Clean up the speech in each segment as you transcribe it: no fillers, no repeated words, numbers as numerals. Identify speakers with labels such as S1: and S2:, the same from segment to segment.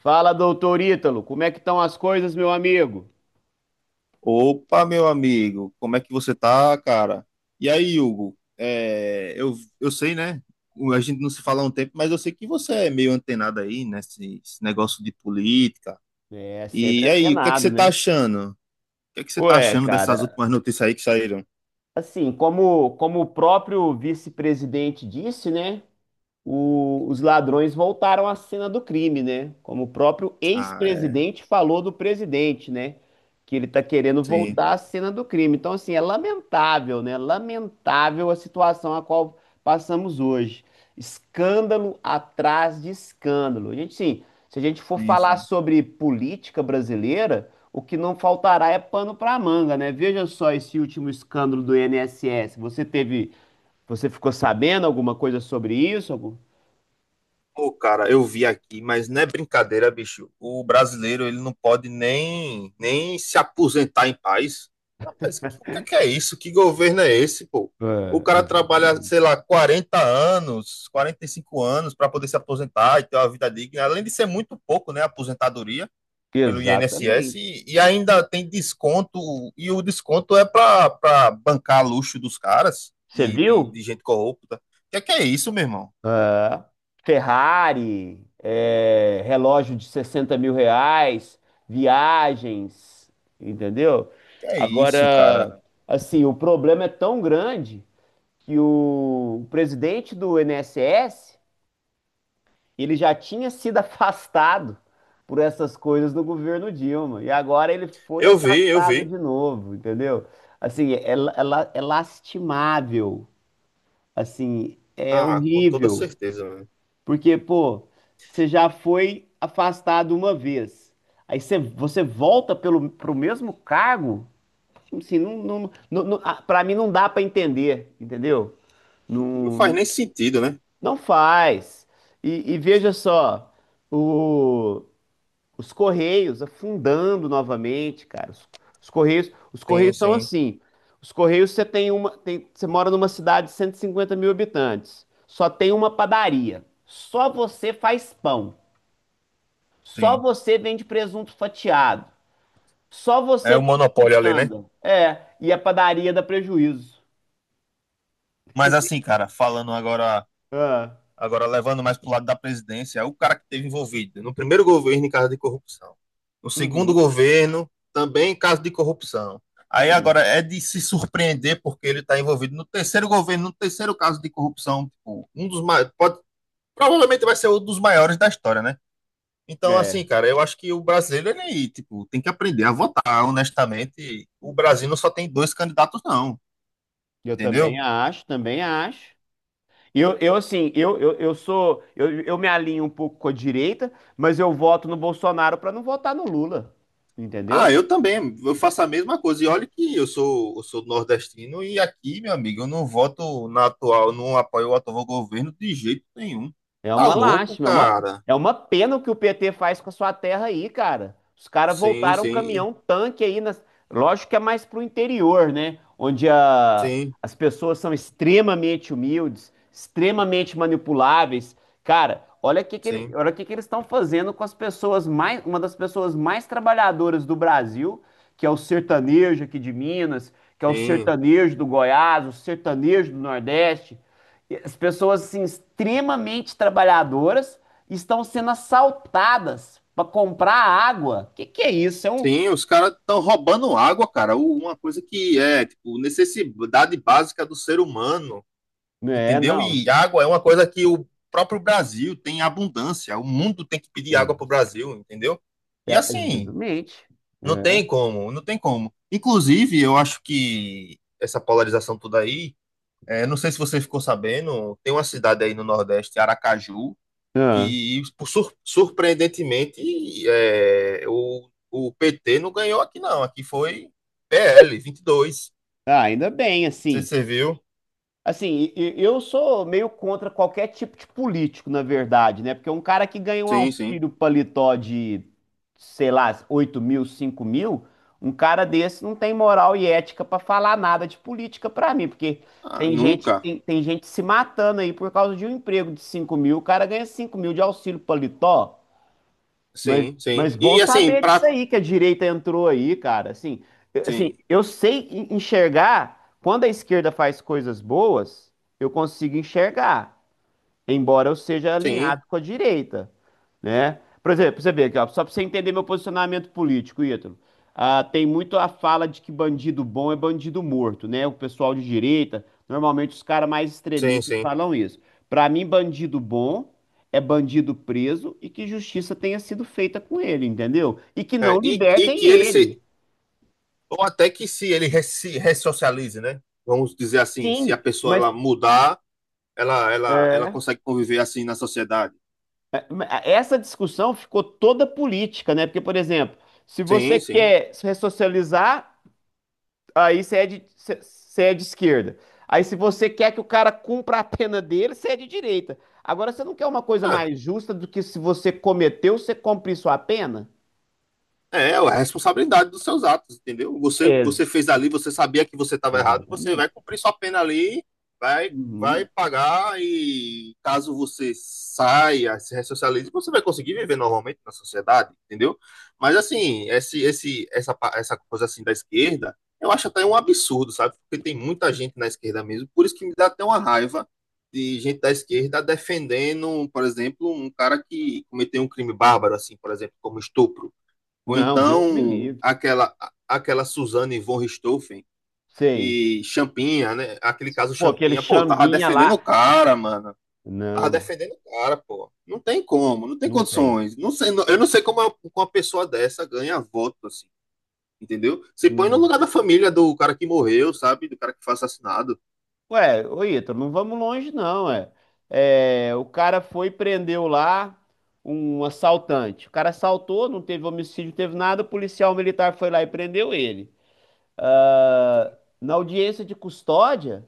S1: Fala, doutor Ítalo, como é que estão as coisas, meu amigo?
S2: Opa, meu amigo, como é que você tá, cara? E aí, Hugo? Eu sei, né? A gente não se fala há um tempo, mas eu sei que você é meio antenado aí, né? Esse negócio de política.
S1: É, sempre
S2: E aí, o que é que
S1: antenado,
S2: você tá
S1: né?
S2: achando? O que é que você tá
S1: Ué,
S2: achando dessas
S1: cara,
S2: últimas notícias aí que saíram?
S1: assim, como o próprio vice-presidente disse, né? Os ladrões voltaram à cena do crime, né? Como o próprio
S2: Ah, é.
S1: ex-presidente falou do presidente, né? Que ele tá querendo
S2: Sim,
S1: voltar à cena do crime. Então, assim, é lamentável, né? Lamentável a situação a qual passamos hoje. Escândalo atrás de escândalo. A gente, sim, se a gente for
S2: sim,
S1: falar
S2: sim.
S1: sobre política brasileira, o que não faltará é pano para manga, né? Veja só esse último escândalo do INSS. Você ficou sabendo alguma coisa sobre isso?
S2: Pô, cara, eu vi aqui, mas não é brincadeira, bicho. O brasileiro, ele não pode nem se aposentar em paz. Rapaz, o que é isso? Que governo é esse, pô? O cara
S1: É,
S2: trabalha, sei lá, 40 anos, 45 anos para poder se aposentar e ter uma vida digna, além de ser muito pouco, né, a aposentadoria pelo
S1: exatamente.
S2: INSS e ainda tem desconto, e o desconto é para bancar luxo dos caras,
S1: Você
S2: de, de,
S1: viu?
S2: de gente corrupta. O que é isso, meu irmão?
S1: É. Ferrari, relógio de R$ 60.000, viagens, entendeu?
S2: Que é isso, cara?
S1: Agora, assim, o problema é tão grande que o presidente do N S S ele já tinha sido afastado por essas coisas no governo Dilma, e agora ele foi
S2: Eu vi, eu
S1: afastado
S2: vi.
S1: de novo, entendeu? Assim, é lastimável. Assim, é
S2: Ah, com toda
S1: horrível,
S2: certeza, né?
S1: porque, pô, você já foi afastado uma vez, aí você volta pro mesmo cargo, assim, não, não, não, ah, pra mim não dá pra entender, entendeu?
S2: Não faz
S1: Não,
S2: nem sentido, né?
S1: não faz. E veja só, o, os Correios afundando novamente, cara. Os Correios, os
S2: Sim,
S1: Correios são
S2: sim,
S1: assim. Os Correios, você tem uma, você mora numa cidade de 150 mil habitantes. Só tem uma padaria. Só você faz pão. Só
S2: sim.
S1: você vende presunto fatiado. Só
S2: É
S1: você
S2: o
S1: vende
S2: monopólio ali, né?
S1: quitanda. É, e a padaria dá prejuízo.
S2: Mas assim, cara, falando agora,
S1: Ah,
S2: agora levando mais pro lado da presidência, é o cara que esteve envolvido no primeiro governo em caso de corrupção. No segundo
S1: uhum,
S2: governo, também em caso de corrupção. Aí
S1: sim.
S2: agora é de se surpreender porque ele está envolvido no terceiro governo, no terceiro caso de corrupção, tipo, um dos mais, pode, provavelmente vai ser um dos maiores da história, né? Então, assim,
S1: É,
S2: cara, eu acho que o brasileiro, ele, tipo, tem que aprender a votar, honestamente. O Brasil não só tem dois candidatos, não,
S1: eu também
S2: entendeu?
S1: acho, também acho. Eu assim, eu sou. Eu me alinho um pouco com a direita, mas eu voto no Bolsonaro para não votar no Lula. Entendeu?
S2: Ah, eu também, eu faço a mesma coisa. E olha que eu sou nordestino e aqui, meu amigo, eu não voto na atual, não apoio o atual governo de jeito nenhum.
S1: É
S2: Tá
S1: uma
S2: louco,
S1: lástima, é uma,
S2: cara?
S1: é uma pena o que o PT faz com a sua terra aí, cara. Os caras
S2: Sim,
S1: voltaram
S2: sim,
S1: caminhão tanque aí nas. Lógico que é mais pro interior, né? Onde
S2: sim,
S1: as pessoas são extremamente humildes, extremamente manipuláveis. Cara,
S2: sim,
S1: olha o que que eles estão fazendo com as pessoas mais, uma das pessoas mais trabalhadoras do Brasil, que é o sertanejo aqui de Minas, que é o
S2: sim.
S1: sertanejo do Goiás, o sertanejo do Nordeste. As pessoas assim, extremamente trabalhadoras estão sendo assaltadas para comprar água. O que que é isso? É um.
S2: Sim, os caras estão roubando água, cara. Uma coisa que é, tipo, necessidade básica do ser humano.
S1: É,
S2: Entendeu?
S1: não.
S2: E água é uma coisa que o próprio Brasil tem abundância, o mundo tem que pedir
S1: É,
S2: água para o Brasil, entendeu? E
S1: é,
S2: assim,
S1: exatamente.
S2: não
S1: É.
S2: tem como, não tem como. Inclusive, eu acho que essa polarização toda aí, é, não sei se você ficou sabendo, tem uma cidade aí no Nordeste, Aracaju,
S1: Ah.
S2: que por surpreendentemente é, o PT não ganhou aqui não, aqui foi PL 22.
S1: Ah, ainda bem,
S2: Você,
S1: assim.
S2: você viu?
S1: Assim, eu sou meio contra qualquer tipo de político, na verdade, né? Porque um cara que ganha um
S2: Sim, sim.
S1: auxílio paletó de, sei lá, 8.000, 5.000, um cara desse não tem moral e ética pra falar nada de política pra mim, porque
S2: Ah,
S1: tem gente,
S2: nunca.
S1: tem gente se matando aí por causa de um emprego de 5.000, o cara ganha 5.000 de auxílio paletó. Mas,
S2: Sim, sim.
S1: mas bom
S2: E assim,
S1: saber disso
S2: pra.
S1: aí, que a direita entrou aí, cara. Assim, assim,
S2: Sim,
S1: eu sei enxergar, quando a esquerda faz coisas boas, eu consigo enxergar, embora eu seja alinhado
S2: sim,
S1: com a direita, né? Por exemplo, você vê aqui, ó, só para você entender meu posicionamento político, Ítalo. Ah, tem muito a fala de que bandido bom é bandido morto, né? O pessoal de direita, normalmente os caras mais
S2: sim,
S1: extremistas
S2: sim.
S1: falam isso. Para mim, bandido bom é bandido preso e que justiça tenha sido feita com ele, entendeu? E que
S2: É,
S1: não
S2: e
S1: libertem
S2: que ele se.
S1: ele.
S2: Ou até que se ele re- se ressocialize, né? Vamos dizer assim, se a
S1: Sim,
S2: pessoa
S1: mas
S2: ela mudar, ela
S1: é.
S2: consegue conviver assim na sociedade.
S1: Essa discussão ficou toda política, né? Porque, por exemplo, se você
S2: Sim, sim.
S1: quer se ressocializar, aí você é de esquerda. Aí, se você quer que o cara cumpra a pena dele, você é de direita. Agora, você não quer uma coisa
S2: É.
S1: mais justa do que se você cometeu, você cumprir sua pena?
S2: É, ué, a responsabilidade dos seus atos, entendeu? Você,
S1: Ex-
S2: você fez ali, você sabia que você estava errado, você
S1: Exatamente.
S2: vai cumprir sua pena ali, vai
S1: Uhum.
S2: pagar e caso você saia, se ressocialize, você vai conseguir viver normalmente na sociedade, entendeu? Mas assim, essa coisa assim da esquerda, eu acho até um absurdo, sabe? Porque tem muita gente na esquerda mesmo, por isso que me dá até uma raiva de gente da esquerda defendendo, por exemplo, um cara que cometeu um crime bárbaro, assim, por exemplo, como estupro. Ou
S1: Não, Deus me
S2: então
S1: livre.
S2: aquela Suzane von Richthofen
S1: Sei.
S2: e Champinha, né? Aquele caso
S1: Pô, aquele
S2: Champinha, pô, tava
S1: chambinha
S2: defendendo
S1: lá.
S2: o cara, mano. Tava
S1: Não,
S2: defendendo o cara, pô. Não tem como, não tem
S1: não tem.
S2: condições. Não sei, eu não sei como uma pessoa dessa ganha voto, assim, entendeu? Se põe no
S1: Hum.
S2: lugar da família do cara que morreu, sabe? Do cara que foi assassinado.
S1: Ué, ô Ítalo, não vamos longe não, é. É, o cara foi e prendeu lá um assaltante. O cara assaltou, não teve homicídio, não teve nada, o policial militar foi lá e prendeu ele. Ah,
S2: Sim.
S1: na audiência de custódia,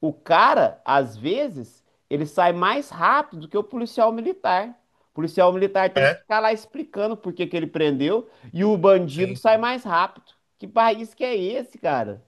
S1: o cara, às vezes, ele sai mais rápido do que o policial militar. O policial militar tem que
S2: É,
S1: ficar lá explicando por que que ele prendeu e o bandido
S2: sim,
S1: sai
S2: sim.
S1: mais rápido. Que país que é esse, cara?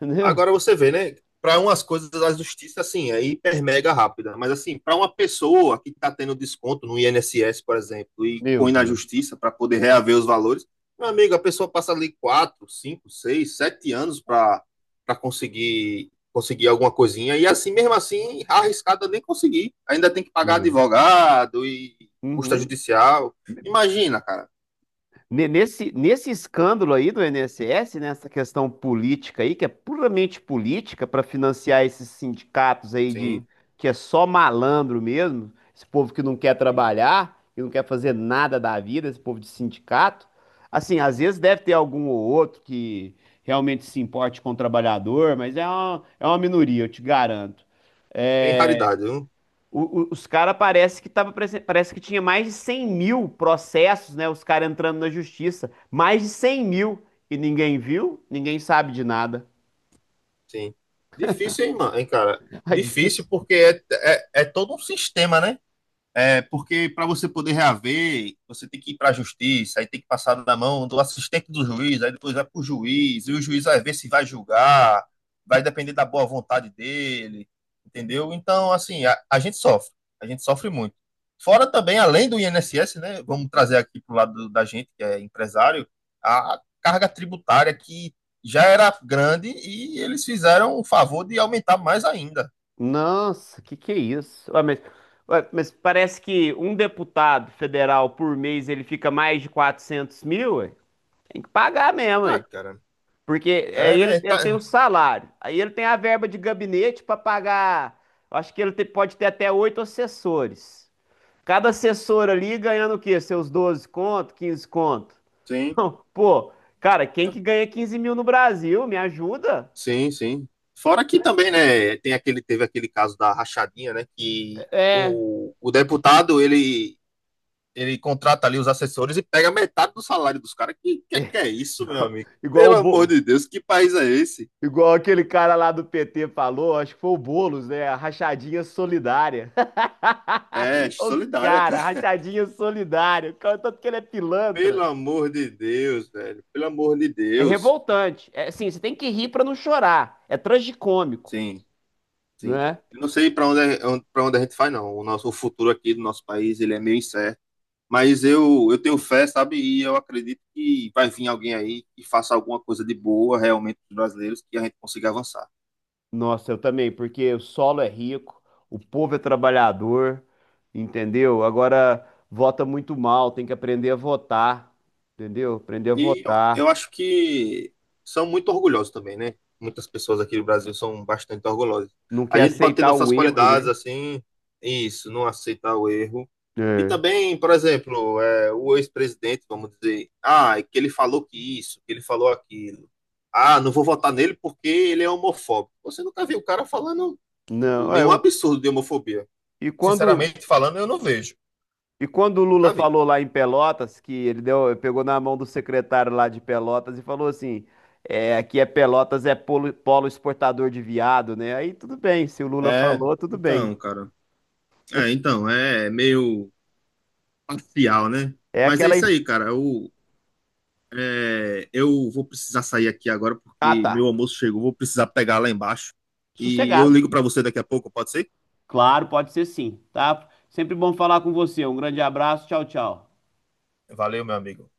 S1: Entendeu?
S2: Agora você vê, né? Para umas coisas, a justiça, assim, é hiper mega rápida. Mas, assim, para uma pessoa que está tendo desconto no INSS, por exemplo, e
S1: Meu
S2: põe na
S1: Deus.
S2: justiça para poder reaver os valores, meu amigo, a pessoa passa ali 4 5 6 7 anos para conseguir alguma coisinha. E, assim, mesmo assim, arriscada nem conseguir. Ainda tem que pagar
S1: Hum.
S2: advogado e custa
S1: Uhum.
S2: judicial. Imagina, cara.
S1: Nesse escândalo aí do INSS, nessa questão política aí, que é puramente política, para financiar esses sindicatos aí de
S2: Sim,
S1: que é só malandro mesmo, esse povo que não quer
S2: sim.
S1: trabalhar, que não quer fazer nada da vida, esse povo de sindicato. Assim, às vezes deve ter algum ou outro que realmente se importe com o trabalhador, mas é uma minoria, eu te garanto.
S2: Bem raridade, viu?
S1: Os caras parece que parece que tinha mais de 100.000 processos, né? Os caras entrando na justiça. Mais de 100.000. E ninguém viu, ninguém sabe de nada.
S2: Sim. Difícil, hein, mano, hein, cara?
S1: Aí
S2: Difícil
S1: diz.
S2: porque é todo um sistema, né? É, porque para você poder reaver, você tem que ir para a justiça, aí tem que passar na mão do assistente do juiz, aí depois vai para o juiz, e o juiz vai ver se vai julgar, vai depender da boa vontade dele, entendeu? Então, assim, a gente sofre muito. Fora também, além do INSS, né, vamos trazer aqui para o lado da gente, que é empresário, a carga tributária que já era grande e eles fizeram o favor de aumentar mais ainda.
S1: Nossa, que é isso? Ué, mas parece que um deputado federal por mês ele fica mais de 400.000, ué. Tem que pagar mesmo,
S2: Tá,
S1: ué.
S2: cara.
S1: Porque
S2: É,
S1: aí ele,
S2: né?
S1: ele
S2: Tá.
S1: tem o salário, aí ele tem a verba de gabinete para pagar. Eu acho que pode ter até oito assessores. Cada assessor ali ganhando o quê? Seus 12 conto, 15 conto?
S2: Sim.
S1: Não, pô, cara, quem que ganha 15.000 no Brasil? Me ajuda?
S2: Sim, sim. Fora que também, né, tem aquele, teve aquele caso da rachadinha, né, que
S1: É,
S2: o deputado, ele contrata ali os assessores e pega metade do salário dos caras. Que é isso, meu
S1: Igual,
S2: amigo?
S1: igual o
S2: Pelo amor
S1: Bo-
S2: de Deus, que país é esse?
S1: igual aquele cara lá do PT falou, acho que foi o Boulos, né? A rachadinha solidária.
S2: É,
S1: Os
S2: solidária,
S1: caras,
S2: cara.
S1: rachadinha solidária. O cara, tanto que ele é pilantra.
S2: Pelo amor de Deus, velho. Pelo amor de
S1: É
S2: Deus.
S1: revoltante. É, assim, você tem que rir pra não chorar. É tragicômico,
S2: Sim, sim.
S1: né?
S2: Eu não sei para onde a gente vai, não. O nosso o futuro aqui do nosso país, ele é meio incerto. Mas eu tenho fé, sabe? E eu acredito que vai vir alguém aí que faça alguma coisa de boa realmente para os brasileiros, que a gente consiga avançar.
S1: Nossa, eu também, porque o solo é rico, o povo é trabalhador, entendeu? Agora vota muito mal, tem que aprender a votar, entendeu? Aprender a
S2: E eu
S1: votar,
S2: eu acho que são muito orgulhosos também, né? Muitas pessoas aqui do Brasil são bastante orgulhosas.
S1: não quer
S2: A gente pode ter
S1: aceitar o
S2: nossas
S1: erro,
S2: qualidades,
S1: né?
S2: assim, isso, não aceitar o erro. E
S1: É.
S2: também, por exemplo, é, o ex-presidente, vamos dizer, ah, é que ele falou que isso, que ele falou aquilo. Ah, não vou votar nele porque ele é homofóbico. Você nunca viu o cara falando, tipo,
S1: Não,
S2: nenhum absurdo de homofobia.
S1: e quando
S2: Sinceramente falando, eu não vejo.
S1: e quando o Lula
S2: Nunca vi.
S1: falou lá em Pelotas que ele deu, pegou na mão do secretário lá de Pelotas e falou assim, aqui é Pelotas é polo, exportador de viado, né? Aí tudo bem, se o Lula
S2: É,
S1: falou, tudo bem.
S2: então, cara. É, então, é meio parcial, né?
S1: É
S2: Mas é
S1: aquela
S2: isso
S1: es-
S2: aí, cara. Eu, é, eu vou precisar sair aqui agora
S1: Ah,
S2: porque meu
S1: tá.
S2: almoço chegou. Vou precisar pegar lá embaixo. E eu
S1: Sossegado.
S2: ligo pra você daqui a pouco, pode ser?
S1: Claro, pode ser sim, tá? Sempre bom falar com você. Um grande abraço. Tchau, tchau.
S2: Valeu, meu amigo.